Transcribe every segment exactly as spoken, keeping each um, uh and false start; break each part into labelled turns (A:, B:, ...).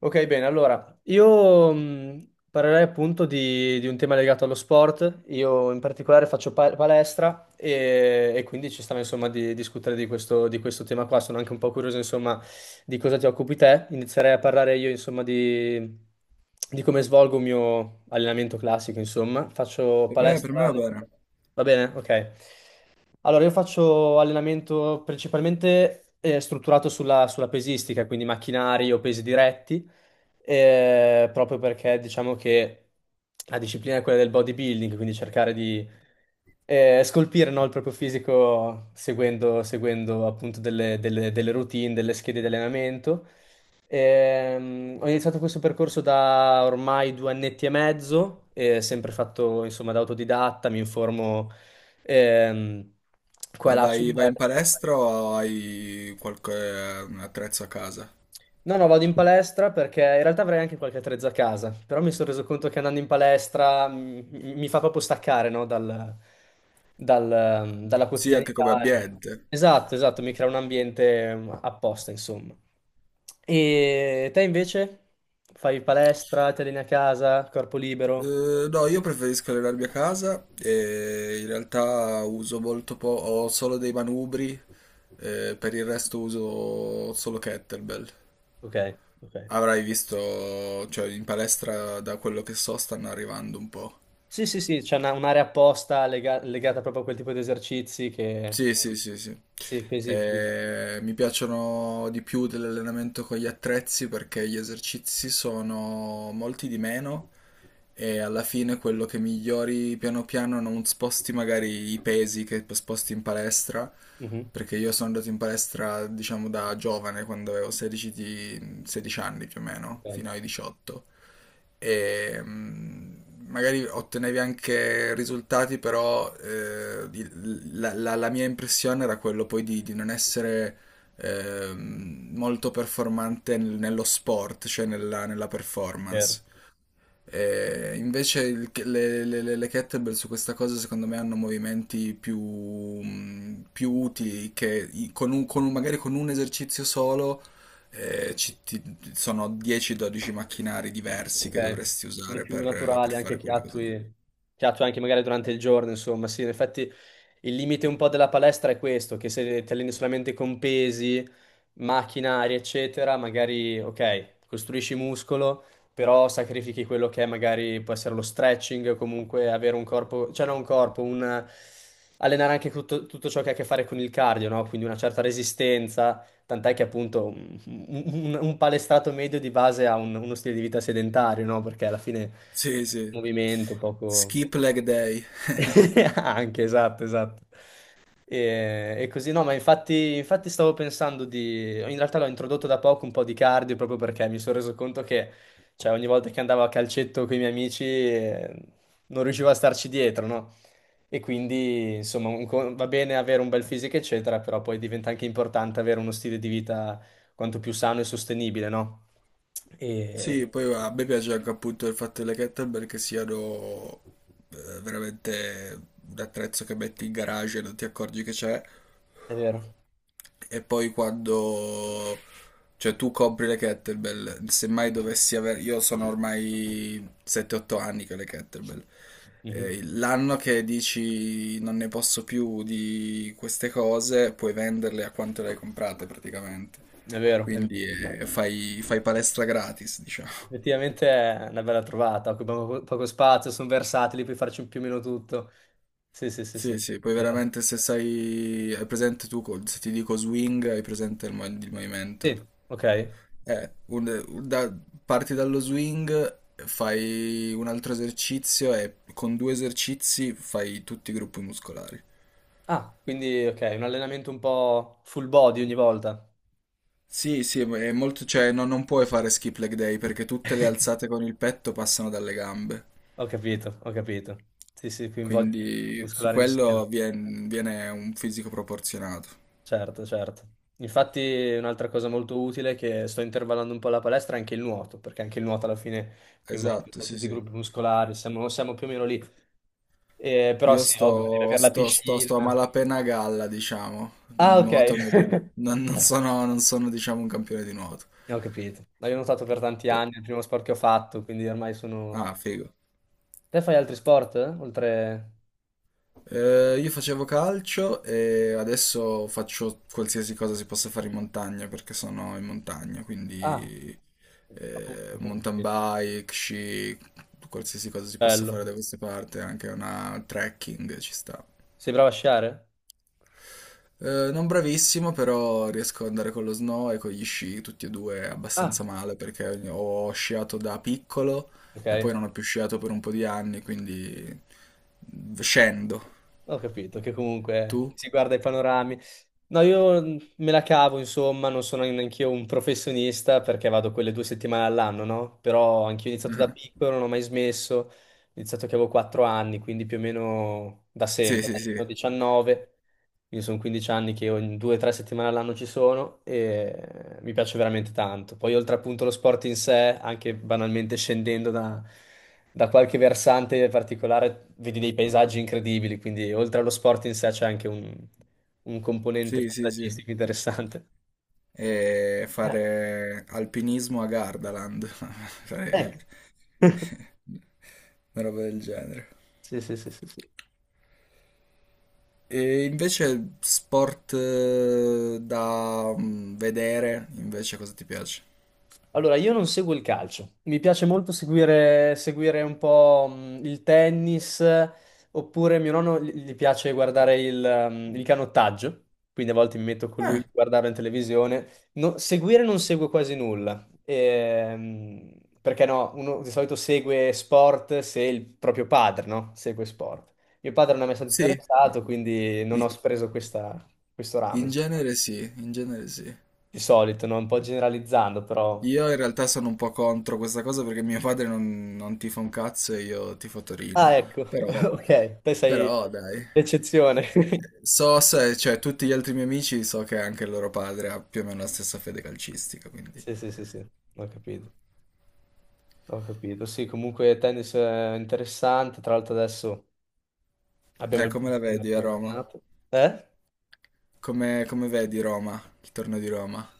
A: Ok, bene, allora io mh, parlerei appunto di, di un tema legato allo sport. Io in particolare faccio pa- palestra e, e quindi ci stava insomma di discutere di questo, di questo tema qua. Sono anche un po' curioso insomma di cosa ti occupi te. Inizierei a parlare io insomma di, di come svolgo il mio allenamento classico insomma. Faccio
B: E beh, per me
A: palestra.
B: va bene.
A: Va bene? Ok. Allora io faccio allenamento principalmente eh, strutturato sulla sulla pesistica, quindi macchinari o pesi diretti eh, proprio perché diciamo che la disciplina è quella del bodybuilding, quindi cercare di eh, scolpire no, il proprio fisico seguendo, seguendo appunto delle, delle- delle routine, delle schede di allenamento. Ehm, ho iniziato questo percorso da ormai due annetti e mezzo, eh, sempre fatto insomma da autodidatta, mi informo ehm, qua e
B: Ma
A: là sul
B: vai, vai
A: web.
B: in palestra o hai qualche attrezzo a casa?
A: No, no, vado in palestra perché in realtà avrei anche qualche attrezzo a casa, però mi sono reso conto che andando in palestra mi, mi fa proprio staccare, no, dal- dal- dalla
B: Sì, anche come
A: quotidianità. e-
B: ambiente.
A: Esatto, esatto, mi crea un ambiente mm, apposta, insomma. E te invece? Fai palestra, ti alleni a casa, corpo libero?
B: Eh, no, io preferisco allenarmi a casa e in realtà uso molto po', ho solo dei manubri, eh, per il resto uso solo kettlebell.
A: Ok, ok.
B: Avrai visto, cioè in palestra da quello che so stanno arrivando un po'.
A: Sì, sì, sì, c'è una- un'area apposta lega- legata proprio a quel tipo di esercizi che.
B: Sì, sì, sì, sì.
A: Sì, pesi più.
B: Eh, mi piacciono di più dell'allenamento con gli attrezzi perché gli esercizi sono molti di meno e alla fine quello che migliori piano piano non sposti magari i pesi che sposti in palestra,
A: Mhm,
B: perché io sono andato in palestra diciamo da giovane, quando avevo 16, di- 16 anni più o meno,
A: ok,
B: fino ai diciotto e mh, magari ottenevi anche risultati, però eh, di- la, la- la mia impressione era quello poi di, di non essere ehm, molto performante nel- nello sport, cioè nella, nella
A: vero.
B: performance. E invece il- le, le- le- le kettlebell su questa cosa secondo me hanno movimenti più, mh, più utili che i- con un- con un- magari con un esercizio solo eh, ci- ti- sono dieci dodici macchinari diversi che
A: Ok,
B: dovresti
A: quindi
B: usare
A: più
B: per, per
A: naturale anche
B: fare
A: che
B: quelle cose lì.
A: attui, che attui anche magari durante il giorno, insomma, sì, in effetti il limite un po' della palestra è questo, che se ti alleni solamente con pesi, macchinari, eccetera, magari, ok, costruisci muscolo, però sacrifichi quello che è magari può essere lo stretching, o comunque avere un corpo, cioè non un corpo, un. Allenare anche tutto, tutto ciò che ha a che fare con il cardio, no? Quindi una certa resistenza, tant'è che appunto un, un- un palestrato medio di base ha un- uno stile di vita sedentario, no? Perché alla fine
B: Sì, sì.
A: movimento poco.
B: Skip leg day.
A: Anche, esatto, esatto. E, e così no, ma infatti, infatti stavo pensando di. In realtà l'ho introdotto da poco un po' di cardio proprio perché mi sono reso conto che, cioè, ogni volta che andavo a calcetto con i miei amici eh, non riuscivo a starci dietro, no? E quindi, insomma, un co- va bene avere un bel fisico, eccetera, però poi diventa anche importante avere uno stile di vita quanto più sano e sostenibile, no? E.
B: Sì, poi a me piace anche appunto il fatto delle kettlebell che siano eh, veramente un attrezzo che metti in garage e non ti accorgi che c'è.
A: È vero.
B: E poi quando... Cioè tu compri le kettlebell, se mai dovessi avere... Io sono ormai sette otto anni che ho le kettlebell.
A: Mhm.
B: Eh, L'anno che dici non ne posso più di queste cose, puoi venderle a quanto le hai comprate praticamente.
A: È vero, è
B: Quindi
A: vero.
B: eh, fai, fai palestra gratis, diciamo.
A: Effettivamente è una bella trovata, occupano po- poco spazio, sono versatili, puoi farci più o meno tutto. Sì, sì, sì, sì.
B: Sì, sì, poi
A: Eh,
B: veramente se sai, hai presente tu, co- se ti dico swing, hai presente il, mo- il movimento.
A: sì, ok.
B: Eh, un- un- da- Parti dallo swing, fai un altro esercizio e con due esercizi fai tutti i gruppi muscolari.
A: Ah, quindi ok, un allenamento un po' full body ogni volta.
B: Sì, sì, ma è molto, cioè no- non puoi fare skip leg day perché tutte le alzate con il petto passano dalle gambe,
A: Ho capito, ho capito. Sì, sì, coinvolge il
B: quindi su
A: muscolare insieme.
B: quello vien- viene, un fisico proporzionato.
A: Certo, certo. Infatti un'altra cosa molto utile è che sto intervallando un po' la palestra è anche il nuoto, perché anche il nuoto alla fine coinvolge un
B: Esatto,
A: po'
B: sì,
A: tutti i
B: sì.
A: gruppi muscolari, siamo, siamo più o meno lì. Eh, però
B: Io
A: sì, ovvio, devi
B: sto,
A: avere la
B: sto, sto, sto a
A: piscina.
B: malapena a galla, diciamo.
A: Ah, ok.
B: Nuoto non, ri- non- Non sono, non sono, diciamo, un campione di nuoto.
A: Eh, ho capito. No, io ho nuotato per tanti
B: Pe-
A: anni, è il primo sport che ho fatto, quindi ormai sono.
B: Ah, figo.
A: Te fai altri sport? Eh? Oltre.
B: Eh, io facevo calcio e adesso faccio qualsiasi cosa si possa fare in montagna perché sono in montagna,
A: Ah,
B: quindi
A: appunto,
B: eh,
A: ok, ho
B: mountain
A: capito.
B: bike, sci, qualsiasi cosa si possa fare
A: Bello.
B: da queste parti, anche una trekking ci sta.
A: Sei bravo a sciare?
B: Eh, non bravissimo, però riesco ad andare con lo snow e con gli sci, tutti e due
A: Ah,
B: abbastanza male perché ho sciato da piccolo
A: ok.
B: e poi non ho più sciato per un po' di anni, quindi scendo.
A: Ho capito che comunque
B: Tu?
A: si guarda i panorami. No, io mm, me la cavo, insomma, non sono neanche io un professionista perché vado quelle due settimane all'anno, no? Però anch'io ho iniziato da
B: Ah.
A: piccolo, non ho mai smesso, ho iniziato che avevo quattro anni, quindi più o meno da
B: Sì,
A: sempre,
B: sì,
A: da
B: sì,
A: quando ho diciannove, quindi sono quindici anni che ogni due o tre settimane all'anno ci sono e mi piace veramente tanto. Poi oltre appunto lo sport in sé, anche banalmente scendendo da, da qualche versante particolare, vedi dei paesaggi incredibili, quindi oltre allo sport in sé c'è anche un un componente
B: sì, sì, sì.
A: paesaggistico interessante.
B: E
A: Eh,
B: fare alpinismo a Gardaland, fare
A: ecco,
B: una roba del genere.
A: sì, sì, sì, sì, sì.
B: E invece sport eh, da mm, vedere, invece cosa ti piace?
A: Allora, io non seguo il calcio, mi piace molto seguire, seguire un po' mh, il tennis, eh, oppure mio nonno gli gli piace guardare il, ehm, il canottaggio, quindi a volte mi metto con lui
B: Ah,
A: a guardarlo in televisione. No- seguire non seguo quasi nulla, ehm, perché no, uno di solito segue sport se il proprio padre, no? Segue sport. Mio padre non è mai stato
B: sì,
A: interessato, quindi non ho
B: I-
A: preso questa- questo ramo,
B: in
A: insomma.
B: genere sì, in genere sì.
A: Di solito, no? Un po' generalizzando, però.
B: Io in realtà sono un po' contro questa cosa perché mio padre non, non tifa un cazzo e io tifo
A: Ah,
B: Torino,
A: ecco,
B: però...
A: ok, te sei
B: Però dai,
A: l'eccezione.
B: eh, so se, cioè tutti gli altri miei amici so che anche il loro padre ha più o meno la stessa fede calcistica, quindi...
A: Sì, sì, sì, sì, ho capito, ho capito. Sì, comunque tennis è interessante, tra l'altro adesso abbiamo
B: Eh,
A: il
B: come la
A: Bustiner
B: vedi
A: che
B: a
A: è
B: Roma?
A: tornato. Eh?
B: Come, come vedi Roma, il torneo di Roma?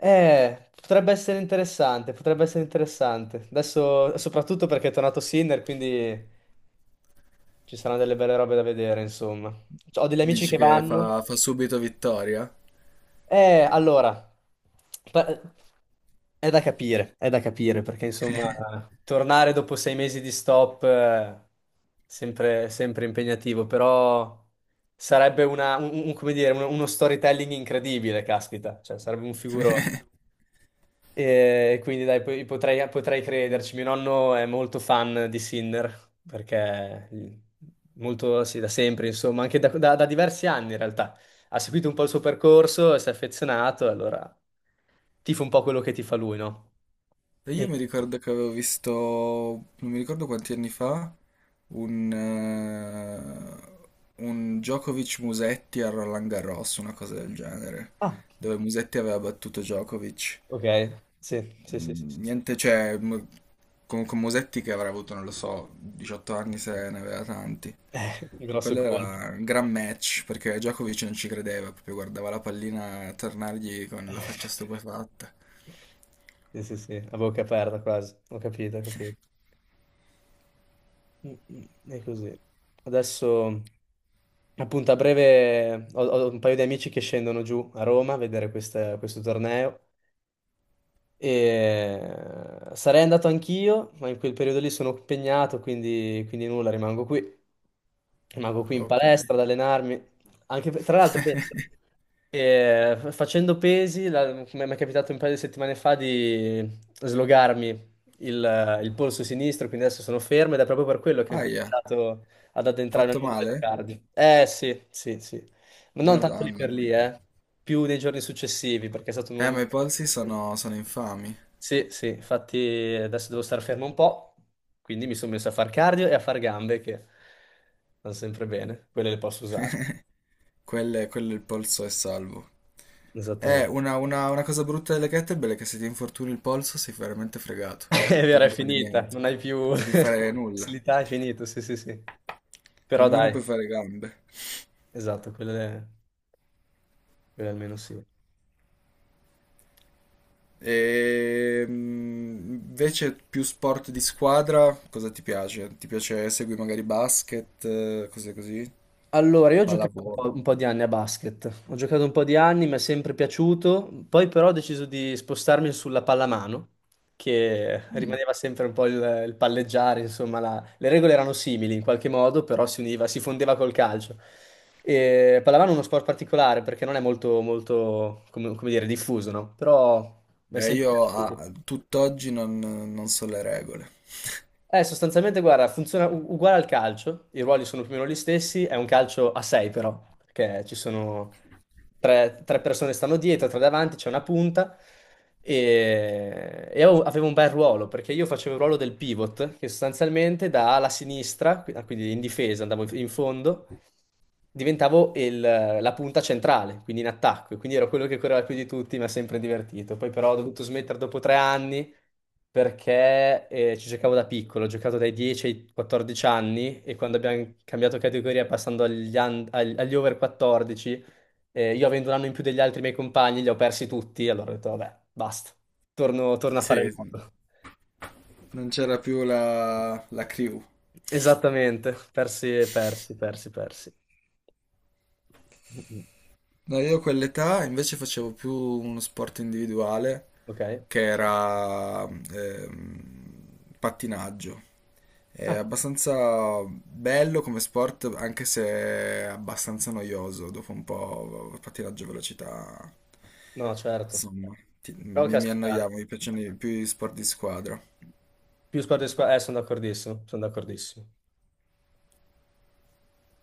A: Eh, potrebbe essere interessante, potrebbe essere interessante. Adesso, soprattutto perché è tornato Sinner, quindi ci saranno delle belle robe da vedere, insomma. Ho degli amici
B: Dici
A: che
B: che
A: vanno.
B: fa, fa subito vittoria?
A: Eh, allora, pa- è da capire, è da capire, perché insomma, tornare dopo sei mesi di stop è sempre, sempre impegnativo, però sarebbe una, un- un- come dire, uno, uno storytelling incredibile, caspita, cioè sarebbe un figurone. E quindi dai, poi potrei, potrei crederci. Mio nonno è molto fan di Sinner, perché mhmm, molto, sì, da sempre, insomma, anche da, da- da diversi anni in realtà. Ha seguito un po' il suo percorso, e si è affezionato, e allora tifo un po' quello che tifa lui, no?
B: E io
A: E-
B: mi ricordo che avevo visto, non mi ricordo quanti anni fa, un, eh, un Djokovic-Musetti a Roland Garros, una cosa del genere,
A: Ah,
B: dove Musetti aveva battuto Djokovic.
A: ok, sì, sì, sì, sì, sì, sì.
B: Niente, cioè, m- con, con Musetti che avrà avuto, non lo so, diciotto anni se ne aveva tanti.
A: Eh, grosso
B: Quello
A: colpo.
B: era un gran match, perché Djokovic non ci credeva, proprio guardava la pallina tornargli con la faccia stupefatta.
A: Sì, sì, sì, a bocca aperta quasi, ho capito, ho capito. Mm, mm. È così. Adesso. Appunto, a breve ho, ho, un paio di amici che scendono giù a Roma a vedere questa- questo torneo e sarei andato anch'io, ma in quel periodo lì sono impegnato, quindi, quindi nulla, rimango qui. Rimango qui in
B: Ok.
A: palestra ad allenarmi. Anche per- tra l'altro, penso, eh, f- facendo pesi, la- come mi è capitato un paio di settimane fa di slogarmi il, il polso sinistro, quindi adesso sono fermo ed è proprio per quello che ho
B: Aia,
A: incominciato ad addentrare nel
B: fatto
A: mondo del
B: male?
A: cardio. Eh sì, sì, sì. Ma non tanto lì
B: Madonna.
A: per lì, eh. Più nei giorni successivi, perché è stato
B: Eh,
A: un.
B: ma i polsi sono, sono infami.
A: Sì, sì, infatti adesso devo star fermo un po', quindi mi sono messo a far cardio e a far gambe che vanno sempre bene, quelle le posso usare.
B: Quelle- quello il polso è salvo. Eh,
A: Esattamente.
B: una, una- una cosa brutta delle kettlebell è che se ti infortuni il polso sei veramente fregato.
A: È
B: Non puoi
A: vero, è
B: più fare
A: finita,
B: niente.
A: non hai
B: Non
A: più
B: puoi più fare nulla.
A: facilità, è finito, sì, sì, sì. Però
B: Almeno
A: dai,
B: puoi fare gambe.
A: esatto, quelle, quelle almeno sì.
B: E mm, invece più sport di squadra, cosa ti piace? Ti piace segui magari basket, eh, cose così?
A: Allora, io ho giocato un
B: Pallavolo.
A: po', un po' di anni a basket, ho giocato un po' di anni, mi è sempre piaciuto, poi però ho deciso di spostarmi sulla pallamano, che
B: Mm.
A: rimaneva sempre un po' il, il palleggiare, insomma, la- le regole erano simili in qualche modo, però si univa, si fondeva col calcio. E pallamano è uno sport particolare perché non è molto, molto, come, come dire, diffuso, no? Però mi è
B: Eh,
A: sempre
B: io
A: piaciuto.
B: a tutt'oggi non, non so le regole.
A: Eh, sostanzialmente, guarda, funziona u- uguale al calcio, i ruoli sono più o meno gli stessi, è un calcio a sei però, perché ci sono tre, tre persone stanno dietro, tre davanti, c'è una punta e, e avevo avevo un bel ruolo, perché io facevo il ruolo del pivot, che sostanzialmente da ala sinistra, qui- ah, quindi in difesa, andavo in fondo, diventavo il- la punta centrale, quindi in attacco, e quindi ero quello che correva più di tutti, mi ha sempre divertito. Poi però ho dovuto smettere dopo tre anni perché eh, ci giocavo da piccolo, ho giocato dai dieci ai quattordici anni e quando abbiamo cambiato categoria passando agli, un- ag- agli over quattordici, eh, io avendo un anno in più degli altri miei compagni, li ho persi tutti, allora ho detto vabbè, basta, torno, torno a fare
B: Sì,
A: nuoto.
B: non c'era più la, la crew.
A: Esattamente, persi, persi, persi, persi. Mm-mm.
B: No, io a quell'età invece facevo più uno sport individuale
A: Ok?
B: che era ehm, pattinaggio. È
A: Ah,
B: abbastanza bello come sport, anche se è abbastanza noioso. Dopo un po', il pattinaggio a velocità,
A: no, certo.
B: insomma, ti-
A: Però
B: mi, mi
A: caspita,
B: annoiavo, mi piacciono i- più gli sport di squadra.
A: più sport di squadra, eh, sono d'accordissimo, sono d'accordissimo.